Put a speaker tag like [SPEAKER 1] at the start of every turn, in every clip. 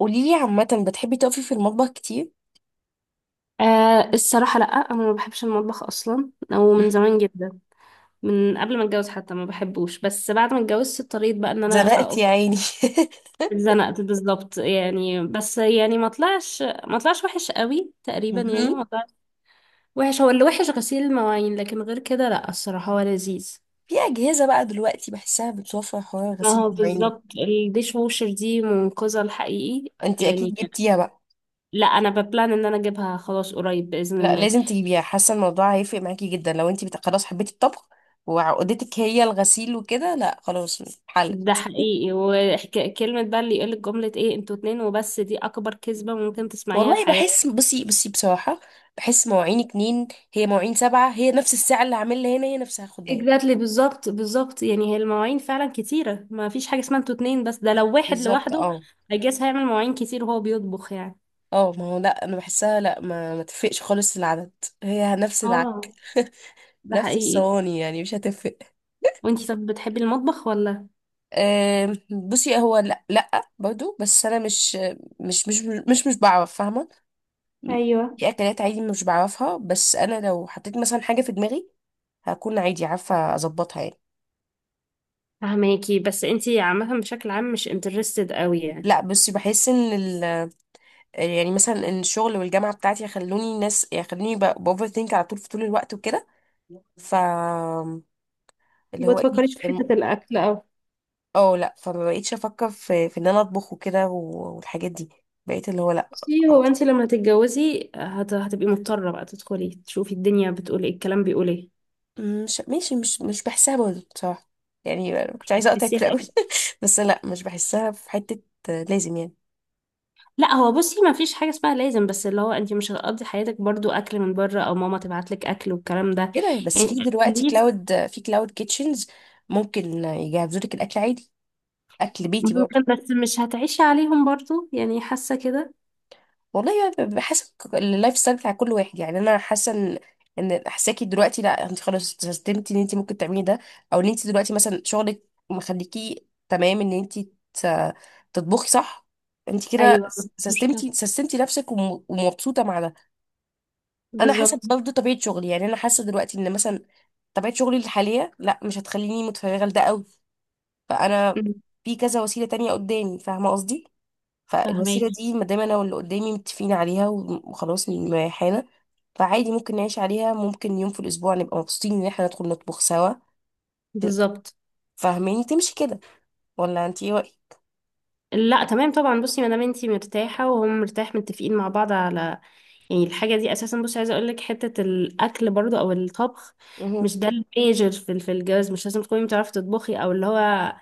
[SPEAKER 1] قوليلي عامة بتحبي تقفي في المطبخ كتير؟
[SPEAKER 2] آه الصراحة لأ، أنا ما بحبش المطبخ أصلا، أو
[SPEAKER 1] مم.
[SPEAKER 2] من زمان جدا. من قبل ما أتجوز حتى ما بحبوش، بس بعد ما اتجوزت اضطريت بقى إن أنا
[SPEAKER 1] زنقت
[SPEAKER 2] أقف.
[SPEAKER 1] يا عيني.
[SPEAKER 2] اتزنقت بالظبط، يعني بس يعني ما طلعش وحش قوي، تقريبا يعني
[SPEAKER 1] مهم.
[SPEAKER 2] ما طلعش وحش. هو اللي وحش غسيل المواعين، لكن غير كده لأ، الصراحة هو لذيذ.
[SPEAKER 1] في أجهزة بقى دلوقتي بحسها بتوفر حوار
[SPEAKER 2] ما
[SPEAKER 1] غسيل
[SPEAKER 2] هو
[SPEAKER 1] الجرايين ده.
[SPEAKER 2] بالظبط الديش ووشر دي منقذة الحقيقي.
[SPEAKER 1] انت أكيد
[SPEAKER 2] يعني،
[SPEAKER 1] جبتيها بقى.
[SPEAKER 2] لأ أنا ببلان إن أنا أجيبها خلاص قريب بإذن
[SPEAKER 1] لا
[SPEAKER 2] الله.
[SPEAKER 1] لازم تجيبيها، حاسة الموضوع هيفرق معاكي جدا. لو انت خلاص حبيتي الطبخ وعقدتك هي الغسيل وكده، لا خلاص حل.
[SPEAKER 2] ده حقيقي، وكلمة بقى اللي يقولك جملة ايه انتوا اتنين وبس، دي اكبر كذبة ممكن تسمعيها في
[SPEAKER 1] والله
[SPEAKER 2] حياتك.
[SPEAKER 1] بحس، بصي، بصراحة بحس مواعين اتنين، هي مواعين سبعة، هي نفس الساعة اللي عاملها هنا هي نفسها خدها هنا.
[SPEAKER 2] اكزاكتلي، بالظبط يعني هي المواعين فعلا كتيرة، ما فيش حاجة اسمها انتوا اتنين. بس ده لو واحد
[SPEAKER 1] بالظبط
[SPEAKER 2] لوحده
[SPEAKER 1] اه.
[SPEAKER 2] هيجاز هيعمل مواعين كتير وهو بيطبخ يعني.
[SPEAKER 1] اه ما هو لا انا بحسها، لا ما تفرقش خالص العدد، هي نفس العك.
[SPEAKER 2] اه ده
[SPEAKER 1] نفس
[SPEAKER 2] حقيقي.
[SPEAKER 1] الصواني يعني مش هتفرق.
[SPEAKER 2] وانتي طب بتحبي المطبخ ولا؟
[SPEAKER 1] آم، بصي هو لا لا برضو، بس انا مش مش مش بعرف فاهمه،
[SPEAKER 2] ايوه
[SPEAKER 1] في اكلات عادي مش بعرفها، بس انا لو حطيت مثلا حاجه في دماغي هكون عادي عارفه اظبطها يعني.
[SPEAKER 2] فهماكي، بس انتي عامة بشكل عام مش انترستد قوي يعني.
[SPEAKER 1] لا بصي بحس ان يعني مثلا ان الشغل والجامعه بتاعتي يخلوني ناس، يخلوني باوفر ثينك على طول، في طول الوقت وكده، ف اللي
[SPEAKER 2] ما
[SPEAKER 1] هو ايه.
[SPEAKER 2] تفكريش في حتة الاكل.
[SPEAKER 1] اه لا، فما بقيتش افكر في ان انا اطبخ وكده والحاجات دي، بقيت اللي هو لا
[SPEAKER 2] بصي هو
[SPEAKER 1] خلاص
[SPEAKER 2] انت لما تتجوزي هتبقي مضطرة بقى تدخلي تشوفي الدنيا بتقول ايه، الكلام بيقول ايه.
[SPEAKER 1] مش ماشي، مش بحسها برضه بصراحه. يعني أنا كنت عايزه اقطعك
[SPEAKER 2] بتحسيها
[SPEAKER 1] في الاول.
[SPEAKER 2] ايه؟
[SPEAKER 1] بس لا مش بحسها في حته. آه، لازم يعني
[SPEAKER 2] لا هو بصي ما فيش حاجة اسمها لازم، بس اللي هو انت مش هتقضي حياتك برضو اكل من بره، او ماما تبعت لك اكل والكلام ده.
[SPEAKER 1] كده، بس
[SPEAKER 2] يعني
[SPEAKER 1] في دلوقتي
[SPEAKER 2] تكاليف.
[SPEAKER 1] في كلاود كيتشنز ممكن يجهزوا لك الاكل عادي، اكل بيتي برضه.
[SPEAKER 2] ممكن، بس مش هتعيشي عليهم برضو يعني، حاسة كده.
[SPEAKER 1] والله بحسب اللايف ستايل بتاع كل واحد يعني. انا حاسه ان حساكي دلوقتي لا، انت خلاص استسلمتي ان انت ممكن تعملي ده، او ان انت دلوقتي مثلا شغلك مخليكي تمام ان انت ت- تطبخي صح، انت كده
[SPEAKER 2] ايوه مفيش مشكلة.
[SPEAKER 1] سستمتي نفسك ومبسوطه مع ده. انا حاسه
[SPEAKER 2] بالظبط.
[SPEAKER 1] برضه طبيعه شغلي، يعني انا حاسه دلوقتي ان مثلا طبيعه شغلي الحاليه لا مش هتخليني متفرغه لده قوي، فانا
[SPEAKER 2] مم.
[SPEAKER 1] في كذا وسيله تانية قدامي فاهمه قصدي، فالوسيلة
[SPEAKER 2] فهماكي.
[SPEAKER 1] دي ما دام انا واللي قدامي متفقين عليها وخلاص مريحانا، فعادي ممكن نعيش عليها. ممكن يوم في الاسبوع نبقى مبسوطين ان احنا ندخل نطبخ سوا. ت-
[SPEAKER 2] بالظبط.
[SPEAKER 1] فاهماني تمشي كده، ولا انت ايه رأيك؟
[SPEAKER 2] لا تمام طبعا، بصي ما دام انتي مرتاحه وهم مرتاح، متفقين مع بعض على، يعني الحاجه دي اساسا. بصي عايزه اقول لك حته الاكل برضو او الطبخ
[SPEAKER 1] مهم.
[SPEAKER 2] مش ده الميجر في الجواز. مش لازم تكوني بتعرفي تطبخي، او اللي هو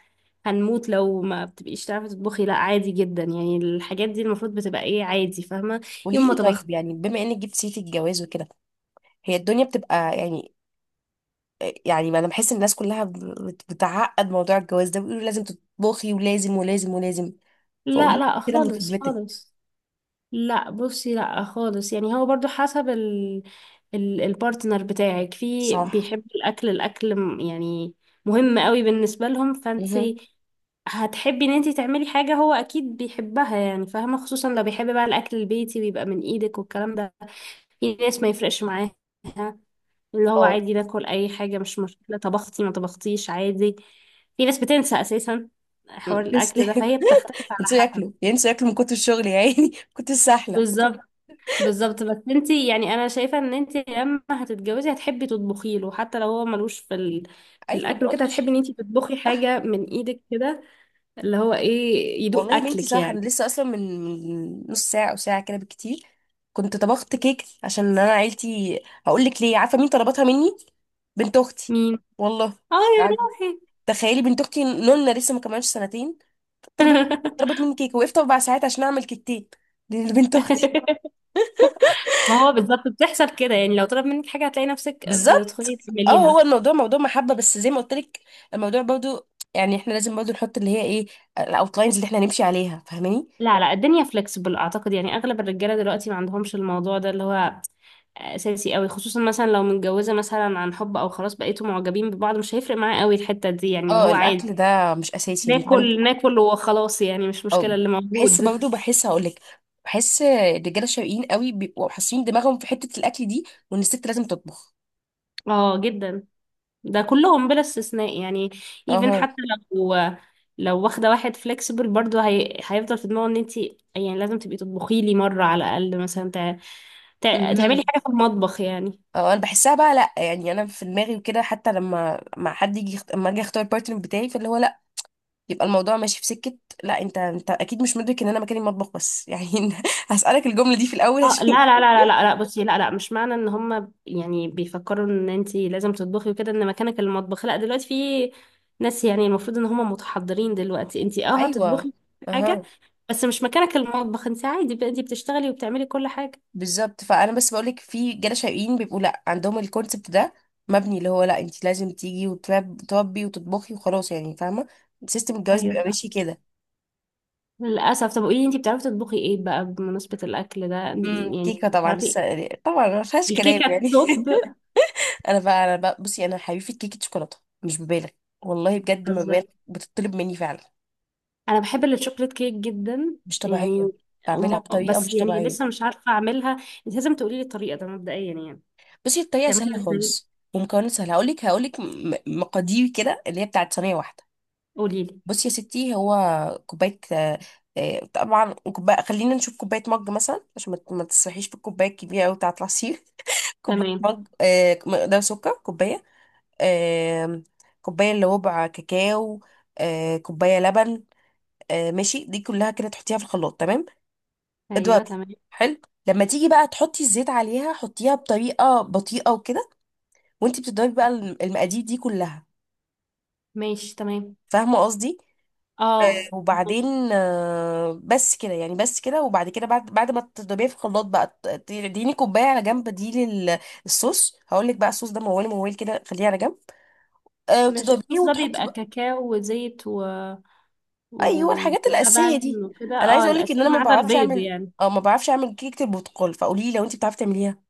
[SPEAKER 2] هنموت لو ما بتبقيش تعرفي تطبخي، لا عادي جدا يعني. الحاجات دي المفروض بتبقى ايه، عادي، فاهمه؟ يوم
[SPEAKER 1] قولي
[SPEAKER 2] ما
[SPEAKER 1] لي
[SPEAKER 2] طبخت.
[SPEAKER 1] طيب، يعني بما انك جبت سيرة الجواز وكده، هي الدنيا بتبقى يعني؟ يعني ما انا بحس ان الناس كلها بتعقد موضوع الجواز ده، بيقولوا لازم تطبخي، ولازم ولازم ولازم، فقولي
[SPEAKER 2] لا
[SPEAKER 1] لي
[SPEAKER 2] لا
[SPEAKER 1] كده من
[SPEAKER 2] خالص
[SPEAKER 1] خبرتك.
[SPEAKER 2] خالص. لا بصي لا خالص، يعني هو برضو حسب ال البارتنر بتاعك. في
[SPEAKER 1] صح.
[SPEAKER 2] بيحب الاكل، الاكل يعني مهم قوي بالنسبة لهم،
[SPEAKER 1] مهم.
[SPEAKER 2] فانتي هتحبي ان انتي تعملي حاجة هو اكيد بيحبها، يعني فاهمة، خصوصا لو بيحب بقى الاكل البيتي ويبقى من ايدك والكلام ده. في ناس ما يفرقش معاها، اللي هو
[SPEAKER 1] اه،
[SPEAKER 2] عادي، ناكل اي حاجة مش مشكلة، طبختي ما طبختيش عادي. في ناس بتنسى اساسا حوار
[SPEAKER 1] بس
[SPEAKER 2] الاكل ده، فهي بتختلف على
[SPEAKER 1] ينسوا
[SPEAKER 2] حسب.
[SPEAKER 1] ياكلوا ينسوا ياكلوا من كتر الشغل، يا عيني كنت السحلة.
[SPEAKER 2] بالظبط. بالظبط، بس انت يعني انا شايفه ان انت لما هتتجوزي هتحبي تطبخي له، حتى لو هو ملوش في في
[SPEAKER 1] ايوه ما
[SPEAKER 2] الاكل وكده،
[SPEAKER 1] قلتش.
[SPEAKER 2] هتحبي ان انت تطبخي
[SPEAKER 1] صح.
[SPEAKER 2] حاجه من ايدك كده، اللي هو ايه،
[SPEAKER 1] والله
[SPEAKER 2] يدوق
[SPEAKER 1] يا بنتي
[SPEAKER 2] اكلك
[SPEAKER 1] صح، انا
[SPEAKER 2] يعني.
[SPEAKER 1] لسه اصلا من نص ساعه او ساعه كده بالكتير كنت طبخت كيك، عشان انا عيلتي هقول لك ليه، عارفه مين طلبتها مني؟ بنت اختي.
[SPEAKER 2] مين؟
[SPEAKER 1] والله.
[SPEAKER 2] اه يا
[SPEAKER 1] يعني
[SPEAKER 2] روحي.
[SPEAKER 1] تخيلي بنت اختي نونا لسه ما كملش سنتين طلبت طلبت مني كيك، وقفت اربع ساعات عشان اعمل كيكتين لبنت اختي.
[SPEAKER 2] ما هو بالظبط، بتحصل كده يعني، لو طلب منك حاجه هتلاقي نفسك
[SPEAKER 1] بالظبط
[SPEAKER 2] بتدخلي
[SPEAKER 1] اه،
[SPEAKER 2] تعمليها.
[SPEAKER 1] هو الموضوع موضوع محبه، بس زي ما قلت لك الموضوع برضو يعني احنا لازم برضو نحط اللي هي ايه الاوتلاينز اللي احنا هنمشي عليها فاهماني.
[SPEAKER 2] لا لا، الدنيا فلكسبل اعتقد، يعني اغلب الرجاله دلوقتي ما عندهمش الموضوع ده، اللي هو اساسي قوي. خصوصا مثلا لو متجوزه مثلا عن حب، او خلاص بقيتوا معجبين ببعض، مش هيفرق معاه قوي الحته دي يعني، اللي
[SPEAKER 1] اه
[SPEAKER 2] هو عادي
[SPEAKER 1] الاكل ده مش اساسي انت عندك.
[SPEAKER 2] ناكل ناكل وخلاص يعني، مش مشكله
[SPEAKER 1] اه
[SPEAKER 2] اللي
[SPEAKER 1] بحس
[SPEAKER 2] موجود.
[SPEAKER 1] برضه، بحس هقولك، بحس الرجاله الشرقيين قوي بيبقوا حاسين دماغهم في حته الاكل دي، وان الست لازم تطبخ.
[SPEAKER 2] اه جدا. ده كلهم بلا استثناء يعني. ايفن
[SPEAKER 1] اها.
[SPEAKER 2] حتى لو لو واخده واحد فلكسبل برضه هيفضل في دماغه ان انت يعني لازم تبقي تطبخي لي مره على الاقل مثلا، تعملي
[SPEAKER 1] امم.
[SPEAKER 2] حاجه في المطبخ يعني.
[SPEAKER 1] اه انا بحسها بقى لا، يعني انا في دماغي وكده، حتى لما مع حد يجي لما اجي اختار البارتنر بتاعي فاللي هو لا، يبقى الموضوع ماشي في سكه، لا انت اكيد مش مدرك ان انا مكاني المطبخ بس يعني. هسالك الجمله دي في الاول
[SPEAKER 2] اه
[SPEAKER 1] اشوف.
[SPEAKER 2] لا لا لا لا لا لا، بصي لا لا، مش معنى ان هم يعني بيفكروا ان انت لازم تطبخي وكده ان مكانك المطبخ، لا دلوقتي في ناس يعني المفروض ان هم متحضرين دلوقتي، انت اه
[SPEAKER 1] ايوه.
[SPEAKER 2] هتطبخي حاجة،
[SPEAKER 1] اها.
[SPEAKER 2] بس مش مكانك المطبخ، انت عادي بقى انت بتشتغلي وبتعملي كل حاجة.
[SPEAKER 1] بالظبط، فانا بس بقولك في رجاله شقيين بيبقوا لا عندهم الكونسبت ده مبني، اللي هو لا انت لازم تيجي وتربي وتطبخي وخلاص يعني فاهمه، سيستم الجواز
[SPEAKER 2] ايوه
[SPEAKER 1] بيبقى
[SPEAKER 2] فاهمة.
[SPEAKER 1] ماشي كده.
[SPEAKER 2] للأسف. طب قولي لي انت بتعرفي تطبخي ايه بقى بمناسبة الأكل ده، يعني
[SPEAKER 1] كيكه طبعا
[SPEAKER 2] بتعرفي.
[SPEAKER 1] لسه طبعا ما فيهاش كلام
[SPEAKER 2] الكيكة
[SPEAKER 1] يعني.
[SPEAKER 2] التوب.
[SPEAKER 1] انا بقى بصي، انا حبيبتي كيكه شوكولاته. مش ببالغ والله، بجد ما ببالغ، بتطلب مني فعلا
[SPEAKER 2] انا بحب الشوكليت كيك جدا
[SPEAKER 1] مش
[SPEAKER 2] يعني.
[SPEAKER 1] طبيعيه، بعملها بطريقه
[SPEAKER 2] بس
[SPEAKER 1] مش
[SPEAKER 2] يعني
[SPEAKER 1] طبيعيه.
[SPEAKER 2] لسه مش عارفه اعملها. انت لازم تقولي لي الطريقه ده مبدئيا يعني،
[SPEAKER 1] بصي الطريقه سهله
[SPEAKER 2] تعملها ازاي.
[SPEAKER 1] خالص، ومكونات سهله. هقولك مقادير كده اللي هي بتاعت صينيه واحده.
[SPEAKER 2] قولي لي.
[SPEAKER 1] بصي يا ستي، هو كوباية آه، طبعا كوباية، خلينا نشوف كوباية مج مثلا، عشان ما تسرحيش في الكوباية الكبيرة أوي بتاعة العصير. كوباية
[SPEAKER 2] تمام.
[SPEAKER 1] مج، مقدار سكر كوباية. آم، كوباية إلا ربع كاكاو، كوباية لبن. ماشي، دي كلها كده تحطيها في الخلاط تمام،
[SPEAKER 2] ايوه
[SPEAKER 1] اضربي.
[SPEAKER 2] تمام.
[SPEAKER 1] حلو. لما تيجي بقى تحطي الزيت عليها، حطيها بطريقة بطيئة وكده، وانتي بتضربي بقى المقادير دي كلها،
[SPEAKER 2] ماشي تمام.
[SPEAKER 1] فاهمة قصدي؟
[SPEAKER 2] اه
[SPEAKER 1] وبعدين
[SPEAKER 2] فهماكي.
[SPEAKER 1] بس كده يعني، بس كده. وبعد كده، بعد ما تضربيها في الخلاط بقى اديني كوبايه على جنب دي للصوص. هقول لك بقى الصوص ده، موال موال كده خليه على جنب،
[SPEAKER 2] مش
[SPEAKER 1] وتضربيه
[SPEAKER 2] الصوص ده
[SPEAKER 1] وتحطي
[SPEAKER 2] بيبقى
[SPEAKER 1] بقى.
[SPEAKER 2] كاكاو وزيت و...
[SPEAKER 1] ايوه الحاجات الاساسيه
[SPEAKER 2] ولبن
[SPEAKER 1] دي.
[SPEAKER 2] وكده،
[SPEAKER 1] انا
[SPEAKER 2] اه
[SPEAKER 1] عايزه اقول لك ان انا
[SPEAKER 2] الاساسي
[SPEAKER 1] ما
[SPEAKER 2] ما عدا
[SPEAKER 1] بعرفش
[SPEAKER 2] البيض
[SPEAKER 1] اعمل،
[SPEAKER 2] يعني.
[SPEAKER 1] او ما بعرفش اعمل كيكه البرتقال، فقولي لي لو انت بتعرفي تعمليها.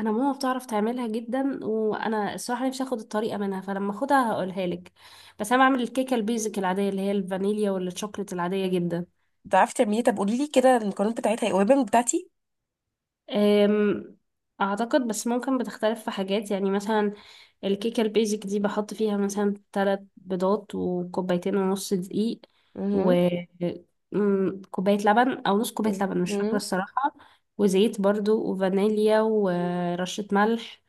[SPEAKER 2] انا ماما بتعرف تعملها جدا، وانا الصراحه نفسي اخد الطريقه منها، فلما اخدها هقولها لك. بس انا بعمل الكيكه البيزك العاديه، اللي هي الفانيليا والشوكليت العاديه جدا.
[SPEAKER 1] بتعرفي تعمليها؟ طب قولي لي كده، المكونات بتاعتها ايه، قريبه من بتاعتي؟
[SPEAKER 2] أم، اعتقد بس ممكن بتختلف في حاجات يعني. مثلا الكيكه البيزك دي بحط فيها مثلا ثلاث بيضات، وكوبايتين ونص دقيق،
[SPEAKER 1] مهم.
[SPEAKER 2] وكوبايه لبن او نص كوبايه لبن مش فاكره
[SPEAKER 1] مهم.
[SPEAKER 2] الصراحه، وزيت برضو، وفانيليا، ورشه ملح.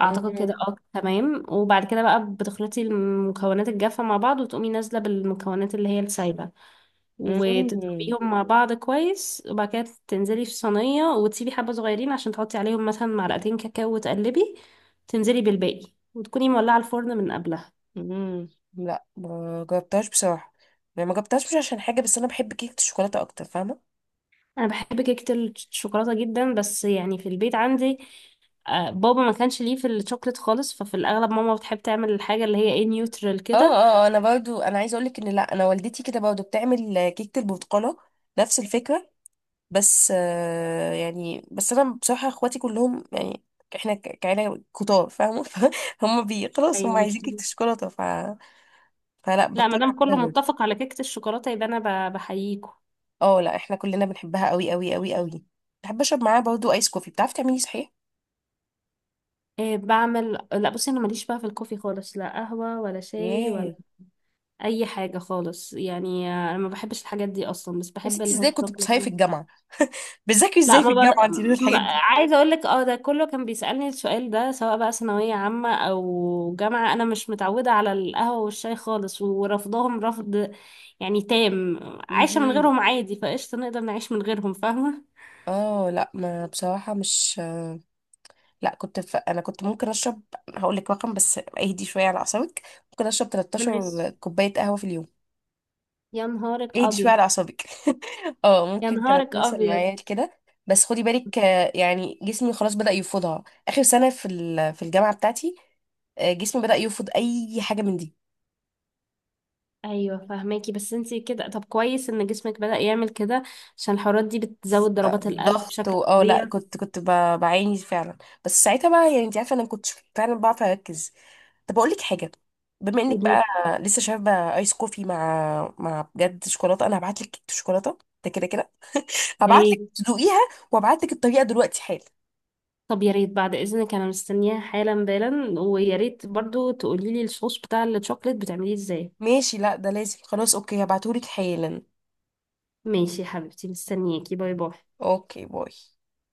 [SPEAKER 2] اعتقد كده
[SPEAKER 1] مهم.
[SPEAKER 2] اه تمام. وبعد كده بقى بتخلطي المكونات الجافه مع بعض، وتقومي نازله بالمكونات اللي هي السايبه،
[SPEAKER 1] مهم.
[SPEAKER 2] وتضربيهم مع بعض كويس. وبعد كده تنزلي في صينية، وتسيبي حبة صغيرين عشان تحطي عليهم مثلا معلقتين كاكاو وتقلبي. تنزلي بالباقي، وتكوني مولعة الفرن من قبلها.
[SPEAKER 1] لا ما جربتهاش بصراحه، يعني ما جربتهاش مش عشان حاجه، بس انا بحب كيكه الشوكولاته اكتر فاهمه.
[SPEAKER 2] أنا بحب كيكة الشوكولاتة جدا، بس يعني في البيت عندي بابا ما كانش ليه في الشوكليت خالص، ففي الأغلب ماما بتحب تعمل الحاجة اللي هي ايه، نيوترال كده.
[SPEAKER 1] انا برضو، انا عايزه اقولك ان لا، انا والدتي كده برضو بتعمل كيكه البرتقاله، نفس الفكره. بس يعني بس انا بصراحه اخواتي كلهم يعني احنا كعيله كتار فاهمه فهم بي خلاص هم
[SPEAKER 2] ايوه مش.
[SPEAKER 1] عايزين كيكه الشوكولاته فلا
[SPEAKER 2] لا ما
[SPEAKER 1] بضطر
[SPEAKER 2] دام كله
[SPEAKER 1] اعملها برضو.
[SPEAKER 2] متفق على كيكة الشوكولاتة يبقى أنا بحييكوا.
[SPEAKER 1] اه لا احنا كلنا بنحبها قوي قوي قوي قوي. بحب اشرب معاها برضو ايس كوفي، بتعرفي تعملي صحيح؟
[SPEAKER 2] بعمل، لا بصي أنا ماليش بقى في الكوفي خالص، لا قهوة ولا شاي ولا
[SPEAKER 1] ياه.
[SPEAKER 2] اي حاجه خالص يعني، انا ما بحبش الحاجات دي اصلا، بس
[SPEAKER 1] يا
[SPEAKER 2] بحب
[SPEAKER 1] ستي ازاي
[SPEAKER 2] الهوت
[SPEAKER 1] كنت
[SPEAKER 2] شوكليت
[SPEAKER 1] بتصحي في
[SPEAKER 2] مثلا.
[SPEAKER 1] الجامعه، بتذاكري
[SPEAKER 2] لا
[SPEAKER 1] ازاي في
[SPEAKER 2] ما, ب...
[SPEAKER 1] الجامعة انتي دول
[SPEAKER 2] ما
[SPEAKER 1] الحاجات دي؟
[SPEAKER 2] عايزه اقول لك اه، ده كله كان بيسالني السؤال ده، سواء بقى ثانويه عامه او جامعه. انا مش متعوده على القهوه والشاي خالص، ورفضهم رفض يعني تام. عايشه من
[SPEAKER 1] مهم.
[SPEAKER 2] غيرهم عادي، فقشطه نقدر نعيش من غيرهم فاهمه.
[SPEAKER 1] اه لا ما بصراحة مش، لا كنت انا كنت ممكن اشرب. هقول لك رقم بس اهدي شوية على اعصابك. ممكن اشرب
[SPEAKER 2] بنعيش.
[SPEAKER 1] 13 كوباية قهوة في اليوم.
[SPEAKER 2] يا نهارك
[SPEAKER 1] اهدي شوية
[SPEAKER 2] ابيض.
[SPEAKER 1] على اعصابك. اه
[SPEAKER 2] يا
[SPEAKER 1] ممكن كانت
[SPEAKER 2] نهارك
[SPEAKER 1] توصل
[SPEAKER 2] ابيض.
[SPEAKER 1] معايا كده. بس خدي بالك، يعني جسمي خلاص بدأ يفوضها اخر سنة في الجامعة بتاعتي. جسمي بدأ يفوض اي حاجة من دي.
[SPEAKER 2] ايوه فهماكي، بس انتي كده طب كويس ان جسمك بدأ يعمل كده، عشان الحرارات دي بتزود ضربات القلب
[SPEAKER 1] ضغط
[SPEAKER 2] بشكل
[SPEAKER 1] اه لا كنت بعاني فعلا. بس ساعتها بقى يعني انت عارفة انا ما كنتش فعلا بعرف اركز. طب اقول لك حاجه، بما انك
[SPEAKER 2] فظيع.
[SPEAKER 1] بقى لسه شاربه ايس كوفي مع بجد شوكولاته، انا هبعت لك كيكه شوكولاته، ده كده كده.
[SPEAKER 2] يا
[SPEAKER 1] هبعت لك
[SPEAKER 2] ريت.
[SPEAKER 1] تدوقيها، وابعت لك الطريقه دلوقتي حالا.
[SPEAKER 2] طب يا ريت بعد اذنك انا مستنياها حالا، بالا، ويا ريت برضو تقولي لي الصوص بتاع الشوكليت بتعمليه ازاي.
[SPEAKER 1] ماشي لا ده لازم، خلاص اوكي هبعتهولك حالا.
[SPEAKER 2] ماشي يا حبيبتي، مستنياكي، باي باي.
[SPEAKER 1] اوكي باي.